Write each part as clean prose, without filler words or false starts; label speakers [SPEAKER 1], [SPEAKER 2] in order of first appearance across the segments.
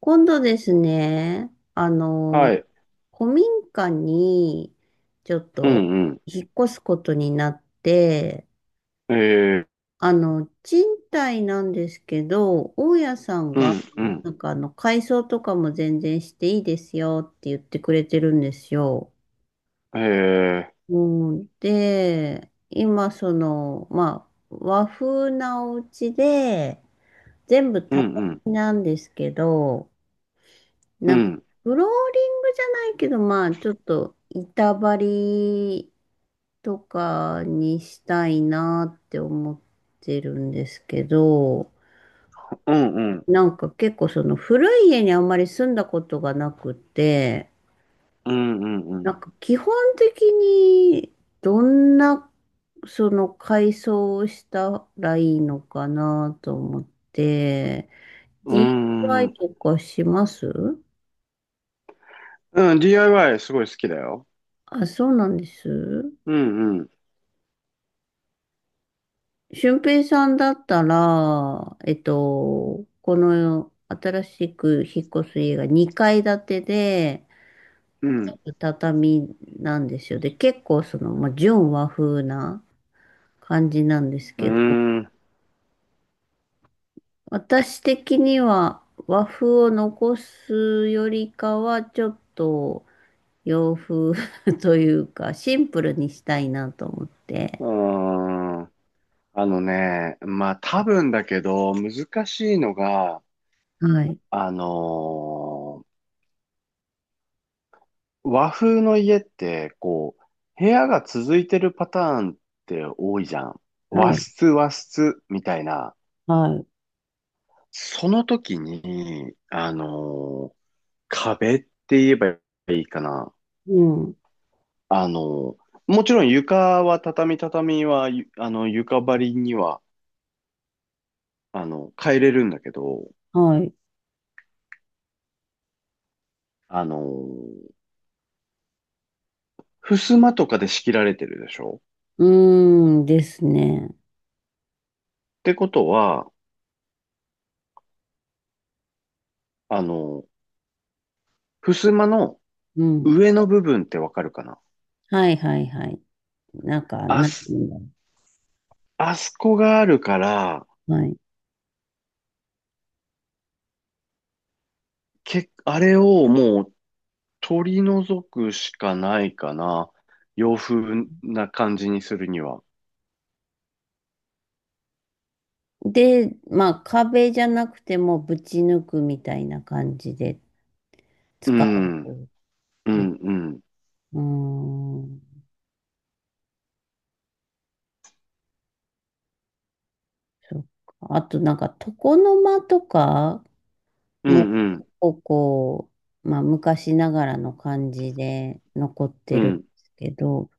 [SPEAKER 1] 今度ですね、
[SPEAKER 2] はい。
[SPEAKER 1] 古民家にちょっ
[SPEAKER 2] う
[SPEAKER 1] と
[SPEAKER 2] ん
[SPEAKER 1] 引っ越すことになって、
[SPEAKER 2] うん。
[SPEAKER 1] 賃貸なんですけど、大家さん
[SPEAKER 2] う
[SPEAKER 1] が、
[SPEAKER 2] んうん。
[SPEAKER 1] なんか改装とかも全然していいですよって言ってくれてるんですよ。
[SPEAKER 2] えー、
[SPEAKER 1] うん、で、今その、まあ、和風なお家で、全部
[SPEAKER 2] うん
[SPEAKER 1] 畳
[SPEAKER 2] うん。
[SPEAKER 1] なんですけど、
[SPEAKER 2] う
[SPEAKER 1] なんか、
[SPEAKER 2] ん。
[SPEAKER 1] フローリングじゃないけど、まあ、ちょっと、板張りとかにしたいなって思ってるんですけど、
[SPEAKER 2] うんうん。
[SPEAKER 1] なんか結構その古い家にあんまり住んだことがなくて、
[SPEAKER 2] うんうんう
[SPEAKER 1] な
[SPEAKER 2] ん。
[SPEAKER 1] んか基本的にどんなその改装をしたらいいのかなと思って、d
[SPEAKER 2] う
[SPEAKER 1] i イワイ
[SPEAKER 2] ん。
[SPEAKER 1] とかします。
[SPEAKER 2] うん、DIY すごい好きだよ。
[SPEAKER 1] あ、そうなんです。
[SPEAKER 2] うんうん。
[SPEAKER 1] 俊平さんだったら、この新しく引っ越す家が2階建てで、
[SPEAKER 2] うん。
[SPEAKER 1] 畳なんですよ。で、結構その、まあ、純和風な感じなんです
[SPEAKER 2] う
[SPEAKER 1] けど、
[SPEAKER 2] ーん。
[SPEAKER 1] 私的には和風を残すよりかは、ちょっと洋風 というか、シンプルにしたいなと思って。
[SPEAKER 2] うーん。まあ多分だけど、難しいのが、
[SPEAKER 1] はい。
[SPEAKER 2] あのー和風の家って、こう、部屋が続いてるパターンって多いじゃん。
[SPEAKER 1] は
[SPEAKER 2] 和
[SPEAKER 1] い。
[SPEAKER 2] 室、和室、みたいな。
[SPEAKER 1] はい。
[SPEAKER 2] その時に、壁って言えばいいかな。
[SPEAKER 1] うん。
[SPEAKER 2] あのーもちろん床は畳は、ゆあの、床張りには、あの、変えれるんだけど、
[SPEAKER 1] はい。
[SPEAKER 2] あのー襖とかで仕切られてるでしょ。
[SPEAKER 1] うーんですね。
[SPEAKER 2] ってことは、あのー襖の
[SPEAKER 1] うん。
[SPEAKER 2] 上の部分ってわかるかな。
[SPEAKER 1] はいはいはい。なんか、
[SPEAKER 2] あ
[SPEAKER 1] なんていう
[SPEAKER 2] す、
[SPEAKER 1] んだろ
[SPEAKER 2] あそこがあるから、
[SPEAKER 1] う。はい。
[SPEAKER 2] あれをもう取り除くしかないかな。洋風な感じにするには。
[SPEAKER 1] で、まあ、壁じゃなくてもぶち抜くみたいな感じで
[SPEAKER 2] う
[SPEAKER 1] 使
[SPEAKER 2] ん、
[SPEAKER 1] う
[SPEAKER 2] う
[SPEAKER 1] ね。
[SPEAKER 2] ん、うん、
[SPEAKER 1] うーん。そっか。あと、なんか、床の間とか
[SPEAKER 2] う
[SPEAKER 1] も、
[SPEAKER 2] ん、うん、
[SPEAKER 1] こう、まあ、昔ながらの感じで残って
[SPEAKER 2] う
[SPEAKER 1] るんで
[SPEAKER 2] ん。
[SPEAKER 1] すけど、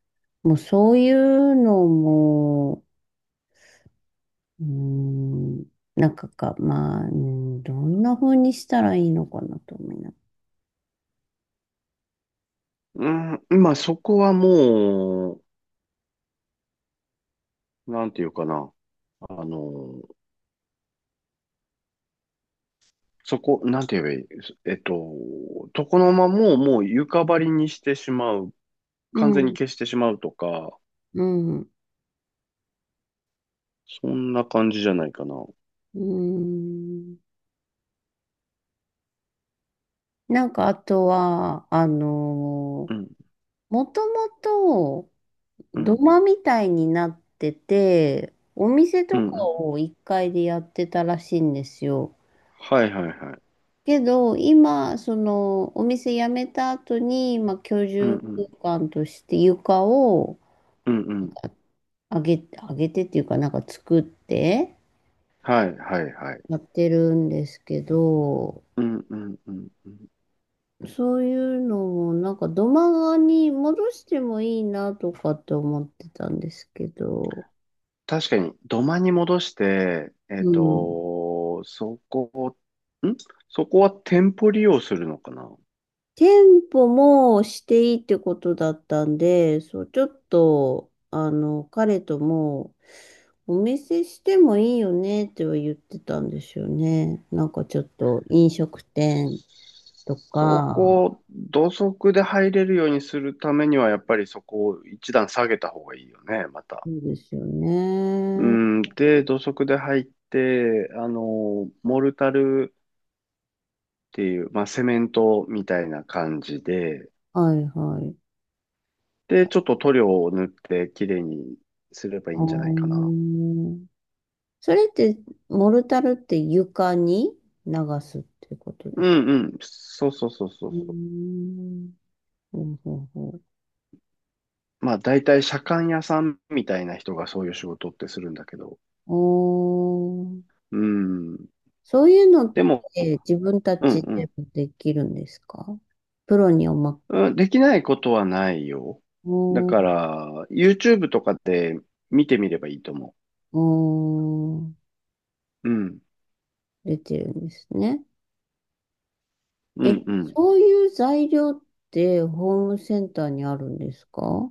[SPEAKER 1] もうそういうのも、うーん、なんか、まあ、うんどんな風にしたらいいのかなと思いなが
[SPEAKER 2] うん、まあそこはもう、なんていうかな。あの、そこ、なんて言えばいい、えっと、床の間ももう床張りにしてしまう。
[SPEAKER 1] ら。
[SPEAKER 2] 完
[SPEAKER 1] う
[SPEAKER 2] 全に
[SPEAKER 1] ん
[SPEAKER 2] 消してしまうとか、
[SPEAKER 1] うん。う
[SPEAKER 2] そんな感じじゃないかな。
[SPEAKER 1] ん。なんかあとは、
[SPEAKER 2] うん、
[SPEAKER 1] もともと
[SPEAKER 2] う
[SPEAKER 1] 土
[SPEAKER 2] ん、
[SPEAKER 1] 間みたいになってて、お店
[SPEAKER 2] う
[SPEAKER 1] と
[SPEAKER 2] ん、
[SPEAKER 1] か
[SPEAKER 2] うん。
[SPEAKER 1] を1階でやってたらしいんですよ。
[SPEAKER 2] はいはいはい。
[SPEAKER 1] けど、今、その、お店辞めた後に、まあ、居
[SPEAKER 2] う
[SPEAKER 1] 住
[SPEAKER 2] ん、うん、
[SPEAKER 1] 空間として床を
[SPEAKER 2] うん、うん。
[SPEAKER 1] 上げてっていうか、なんか作って
[SPEAKER 2] はいはいはい。
[SPEAKER 1] やってるんですけど、
[SPEAKER 2] うん、うん、うん。うん、
[SPEAKER 1] そういうのも、なんか土間に戻してもいいなとかって思ってたんですけど、
[SPEAKER 2] 確かに、土間に戻して、えっ
[SPEAKER 1] うん。
[SPEAKER 2] と、そこ、ん、そこは店舗利用するのかな。
[SPEAKER 1] 店舗もしていいってことだったんで、そう、ちょっと、彼とも、お店してもいいよねっては言ってたんですよね。なんかちょっと飲食店と
[SPEAKER 2] そこ
[SPEAKER 1] か、
[SPEAKER 2] を土足で入れるようにするためには、やっぱりそこを一段下げた方がいいよね、また。
[SPEAKER 1] そうですよ
[SPEAKER 2] う
[SPEAKER 1] ね。
[SPEAKER 2] ん、で、土足で入って、あの、モルタルっていう、まあ、セメントみたいな感じで、
[SPEAKER 1] はいはい。
[SPEAKER 2] で、ちょっと塗料を塗ってきれいにすればい
[SPEAKER 1] あ
[SPEAKER 2] いんじゃないかな。
[SPEAKER 1] ー、それって、モルタルって床に流すってこと
[SPEAKER 2] う
[SPEAKER 1] です。
[SPEAKER 2] んうん、そうそうそうそ
[SPEAKER 1] うー
[SPEAKER 2] う。
[SPEAKER 1] ん。ほうほうほ
[SPEAKER 2] まあ大体車官屋さんみたいな人がそういう仕事ってするんだけど。
[SPEAKER 1] う。おー。
[SPEAKER 2] うん。
[SPEAKER 1] そういうのっ
[SPEAKER 2] でも、
[SPEAKER 1] て自分た
[SPEAKER 2] う
[SPEAKER 1] ちで
[SPEAKER 2] ん
[SPEAKER 1] もできるんですか。プロにおま、
[SPEAKER 2] うん。うん、できないことはないよ。だ
[SPEAKER 1] お
[SPEAKER 2] か
[SPEAKER 1] ー、
[SPEAKER 2] ら、YouTube とかで見てみればいいと思
[SPEAKER 1] おー、
[SPEAKER 2] う。うん。
[SPEAKER 1] 出てるんですね。
[SPEAKER 2] う
[SPEAKER 1] え、
[SPEAKER 2] んうん。
[SPEAKER 1] そういう材料ってホームセンターにあるんですか。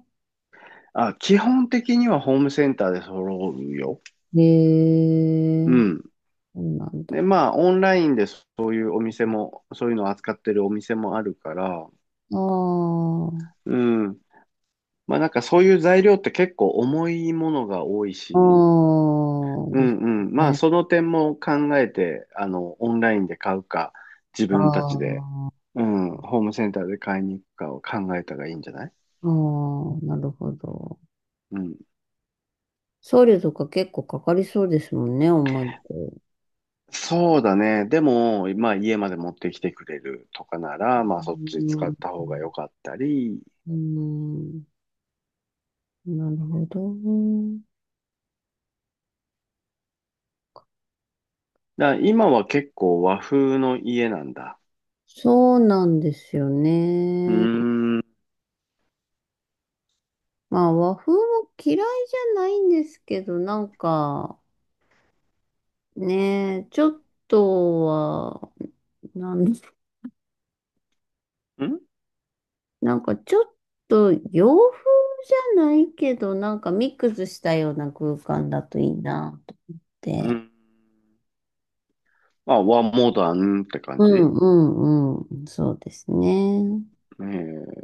[SPEAKER 2] あ、基本的にはホームセンターで揃うよ。
[SPEAKER 1] へえ
[SPEAKER 2] う
[SPEAKER 1] ー、
[SPEAKER 2] ん。
[SPEAKER 1] そうなんだ。
[SPEAKER 2] で、まあ、オンラインでそういうお店も、そういうのを扱ってるお店もあるから、
[SPEAKER 1] あ
[SPEAKER 2] うん。まあ、なんかそういう材料って結構重いものが多い
[SPEAKER 1] あ、
[SPEAKER 2] し、
[SPEAKER 1] ああ、
[SPEAKER 2] う
[SPEAKER 1] です
[SPEAKER 2] んうん。まあ、
[SPEAKER 1] ね。
[SPEAKER 2] その点も考えて、あの、オンラインで買うか、自
[SPEAKER 1] ああ、
[SPEAKER 2] 分たちで、
[SPEAKER 1] ああ、
[SPEAKER 2] うん、ホームセンターで買いに行くかを考えたらいいんじゃない。
[SPEAKER 1] なるほど。
[SPEAKER 2] うん。
[SPEAKER 1] 送料とか結構かかりそうですもんね、重いと。
[SPEAKER 2] そうだね。でも、まあ、家まで持ってきてくれるとかな
[SPEAKER 1] う
[SPEAKER 2] ら、まあ、そっち使っ
[SPEAKER 1] ん、
[SPEAKER 2] た方が良かったり。
[SPEAKER 1] うん、なるほど。
[SPEAKER 2] だから今は結構和風の家なんだ。
[SPEAKER 1] そうなんですよ
[SPEAKER 2] うー
[SPEAKER 1] ね。
[SPEAKER 2] ん。ん。
[SPEAKER 1] まあ、和風も嫌いじゃないんですけど、なんか、ね、ちょっとは、なん、なんかちょっと洋風じゃないけど、なんかミックスしたような空間だといいなと思っ
[SPEAKER 2] う
[SPEAKER 1] て。
[SPEAKER 2] ん。まあ、和モダンって感
[SPEAKER 1] う
[SPEAKER 2] じね。
[SPEAKER 1] んうんうん。そうですね。
[SPEAKER 2] え、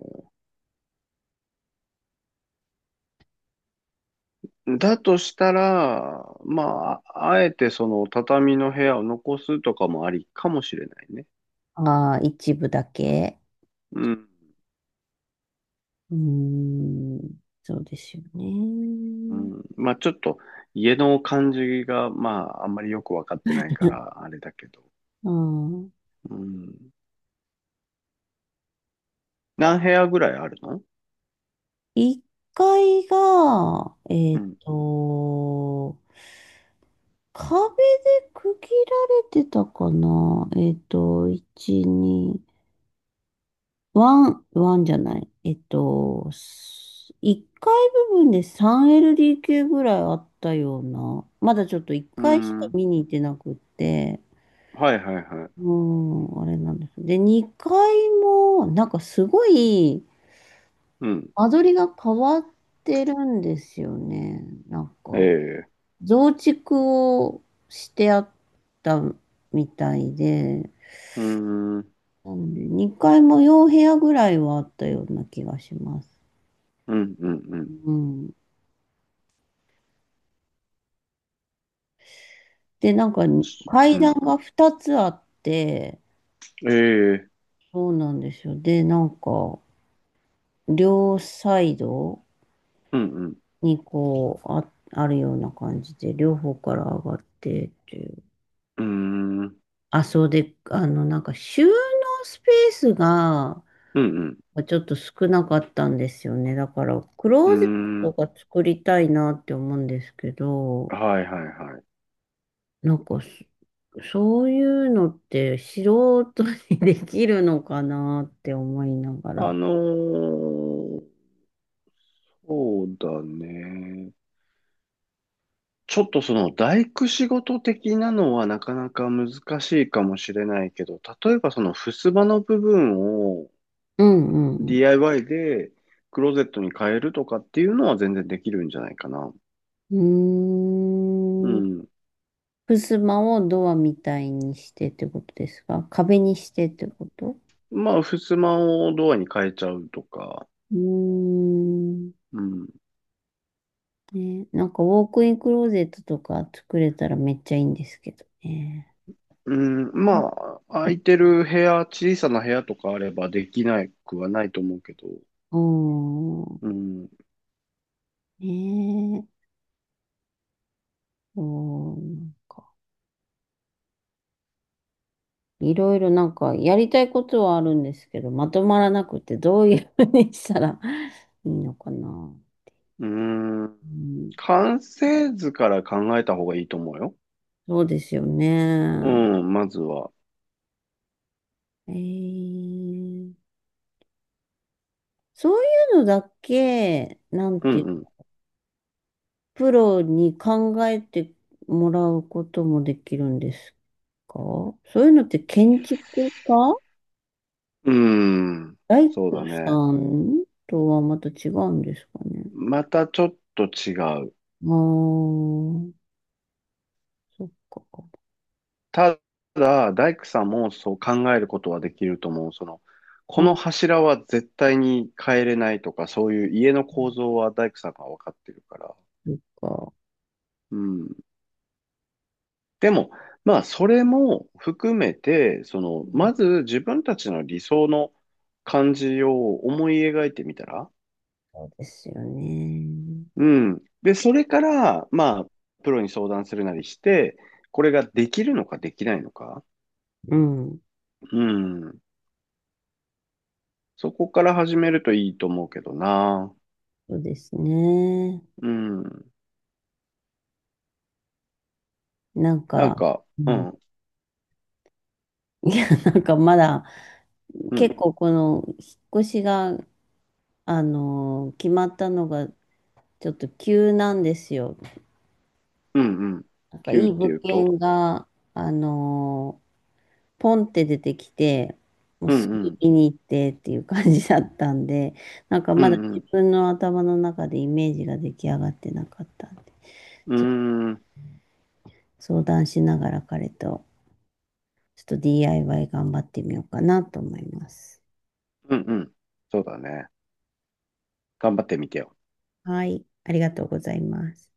[SPEAKER 2] だとしたら、まあ、あえてその畳の部屋を残すとかもありかもしれないね。
[SPEAKER 1] ああ、一部だけ。
[SPEAKER 2] うん。
[SPEAKER 1] うーん。そうですよ
[SPEAKER 2] う
[SPEAKER 1] ね。
[SPEAKER 2] ん、まあ、ちょっと家の感じが、まあ、あんまりよくわかってないか ら、あれだけど。
[SPEAKER 1] うん。
[SPEAKER 2] うん。何部屋ぐらいあるの。
[SPEAKER 1] 1階が、
[SPEAKER 2] うん。
[SPEAKER 1] 壁で区切られてたかな。1、2、ワン、ワンじゃない。1階部分で 3LDK ぐらいあったような。まだちょっと1
[SPEAKER 2] う
[SPEAKER 1] 階しか
[SPEAKER 2] ん。
[SPEAKER 1] 見に行ってなくって。
[SPEAKER 2] はいはいはい。
[SPEAKER 1] うん、あれなんです。で、2階も、なんかすごい、
[SPEAKER 2] うん。
[SPEAKER 1] 間取りが変わってるんですよね。なんか、
[SPEAKER 2] ええ。
[SPEAKER 1] 増築をしてあったみたいで、
[SPEAKER 2] うん。うん
[SPEAKER 1] なんで、2階も4部屋ぐらいはあったような気がします。
[SPEAKER 2] うんう
[SPEAKER 1] う
[SPEAKER 2] ん。
[SPEAKER 1] ん。で、なんか、
[SPEAKER 2] う
[SPEAKER 1] 階段
[SPEAKER 2] ん。
[SPEAKER 1] が2つあって、
[SPEAKER 2] ええ。
[SPEAKER 1] そうなんですよ。で、なんか、両サイド、
[SPEAKER 2] うんうん。
[SPEAKER 1] にこう、あ、あるような感じで、両方から上がってっていう。
[SPEAKER 2] うん。うん
[SPEAKER 1] あ、そうで、なんか収納スペースが
[SPEAKER 2] うん。
[SPEAKER 1] ちょっと少なかったんですよね。だから、ク
[SPEAKER 2] う
[SPEAKER 1] ローゼット
[SPEAKER 2] ん。
[SPEAKER 1] が作りたいなって思うんですけど、
[SPEAKER 2] はいはいはい。
[SPEAKER 1] なんかそういうのって素人にできるのかなって思いなが
[SPEAKER 2] あ
[SPEAKER 1] ら。
[SPEAKER 2] のーそうだね。ちょっとその大工仕事的なのはなかなか難しいかもしれないけど、例えばその襖の部分を
[SPEAKER 1] うんうん
[SPEAKER 2] DIY でクローゼットに変えるとかっていうのは全然できるんじゃないかな。
[SPEAKER 1] う
[SPEAKER 2] う
[SPEAKER 1] ん。うーん。
[SPEAKER 2] ん。
[SPEAKER 1] 襖をドアみたいにしてってことですか。壁にしてってこと。
[SPEAKER 2] まあ、襖をドアに変えちゃうとか。
[SPEAKER 1] うーん。
[SPEAKER 2] うん。
[SPEAKER 1] ね、なんかウォークインクローゼットとか作れたらめっちゃいいんですけどね。
[SPEAKER 2] うん、まあ、空いてる部屋、小さな部屋とかあればできなくはないと思うけど。
[SPEAKER 1] うーん。
[SPEAKER 2] うん。
[SPEAKER 1] ねえ。うん。いろいろなんかやりたいことはあるんですけど、まとまらなくてどういうふうにしたら いいのかな。
[SPEAKER 2] うーん。
[SPEAKER 1] うん、
[SPEAKER 2] 完成図から考えた方がいいと思うよ。
[SPEAKER 1] そうですよ
[SPEAKER 2] う
[SPEAKER 1] ね。
[SPEAKER 2] ん、まずは。
[SPEAKER 1] えーそういうのだけ、なん
[SPEAKER 2] う
[SPEAKER 1] て
[SPEAKER 2] ん
[SPEAKER 1] プロに考えてもらうこともできるんですか。そういうのって建築家、
[SPEAKER 2] うん。うーん。
[SPEAKER 1] 大
[SPEAKER 2] そうだ
[SPEAKER 1] 工さ
[SPEAKER 2] ね。
[SPEAKER 1] んとはまた違うんですかね。
[SPEAKER 2] またちょっと違う。
[SPEAKER 1] ああー、そっか。
[SPEAKER 2] ただ、大工さんもそう考えることはできると思う。その、
[SPEAKER 1] う
[SPEAKER 2] この
[SPEAKER 1] ん、
[SPEAKER 2] 柱は絶対に変えれないとか、そういう家の構造は大工さんが分かってるから。
[SPEAKER 1] そっか。
[SPEAKER 2] うん。でも、まあ、それも含めて、そ
[SPEAKER 1] う
[SPEAKER 2] の、
[SPEAKER 1] ん、
[SPEAKER 2] まず自分たちの理想の感じを思い描いてみたら。
[SPEAKER 1] そうですよね。
[SPEAKER 2] うん。で、それから、まあ、プロに相談するなりして、これができるのかできないのか。
[SPEAKER 1] うん。
[SPEAKER 2] うん。そこから始めるといいと思うけどな。
[SPEAKER 1] そうですね。
[SPEAKER 2] うん。
[SPEAKER 1] なん
[SPEAKER 2] なん
[SPEAKER 1] か、
[SPEAKER 2] か、
[SPEAKER 1] う
[SPEAKER 2] う
[SPEAKER 1] ん。
[SPEAKER 2] ん、
[SPEAKER 1] いや、なんかまだ、
[SPEAKER 2] うん、
[SPEAKER 1] 結構この、引っ越しが、決まったのが、ちょっと急なんですよ。
[SPEAKER 2] うん、うん。
[SPEAKER 1] なんかい
[SPEAKER 2] 急っ
[SPEAKER 1] い
[SPEAKER 2] て
[SPEAKER 1] 物
[SPEAKER 2] 言うと、
[SPEAKER 1] 件が、あのーポンって出てきて、もう
[SPEAKER 2] う
[SPEAKER 1] す
[SPEAKER 2] ん、
[SPEAKER 1] ぐ
[SPEAKER 2] うん、
[SPEAKER 1] 見に行ってっていう感じだったんで、なんか
[SPEAKER 2] う
[SPEAKER 1] まだ
[SPEAKER 2] ん、う
[SPEAKER 1] 自
[SPEAKER 2] ん、
[SPEAKER 1] 分の頭の中でイメージが出来上がってなかったんで、
[SPEAKER 2] うー
[SPEAKER 1] ちょっと
[SPEAKER 2] ん、
[SPEAKER 1] 相談しながら彼と、ちょっと DIY 頑張ってみようかなと思います。
[SPEAKER 2] うん、うん。そうだね。頑張ってみてよ。
[SPEAKER 1] はい、ありがとうございます。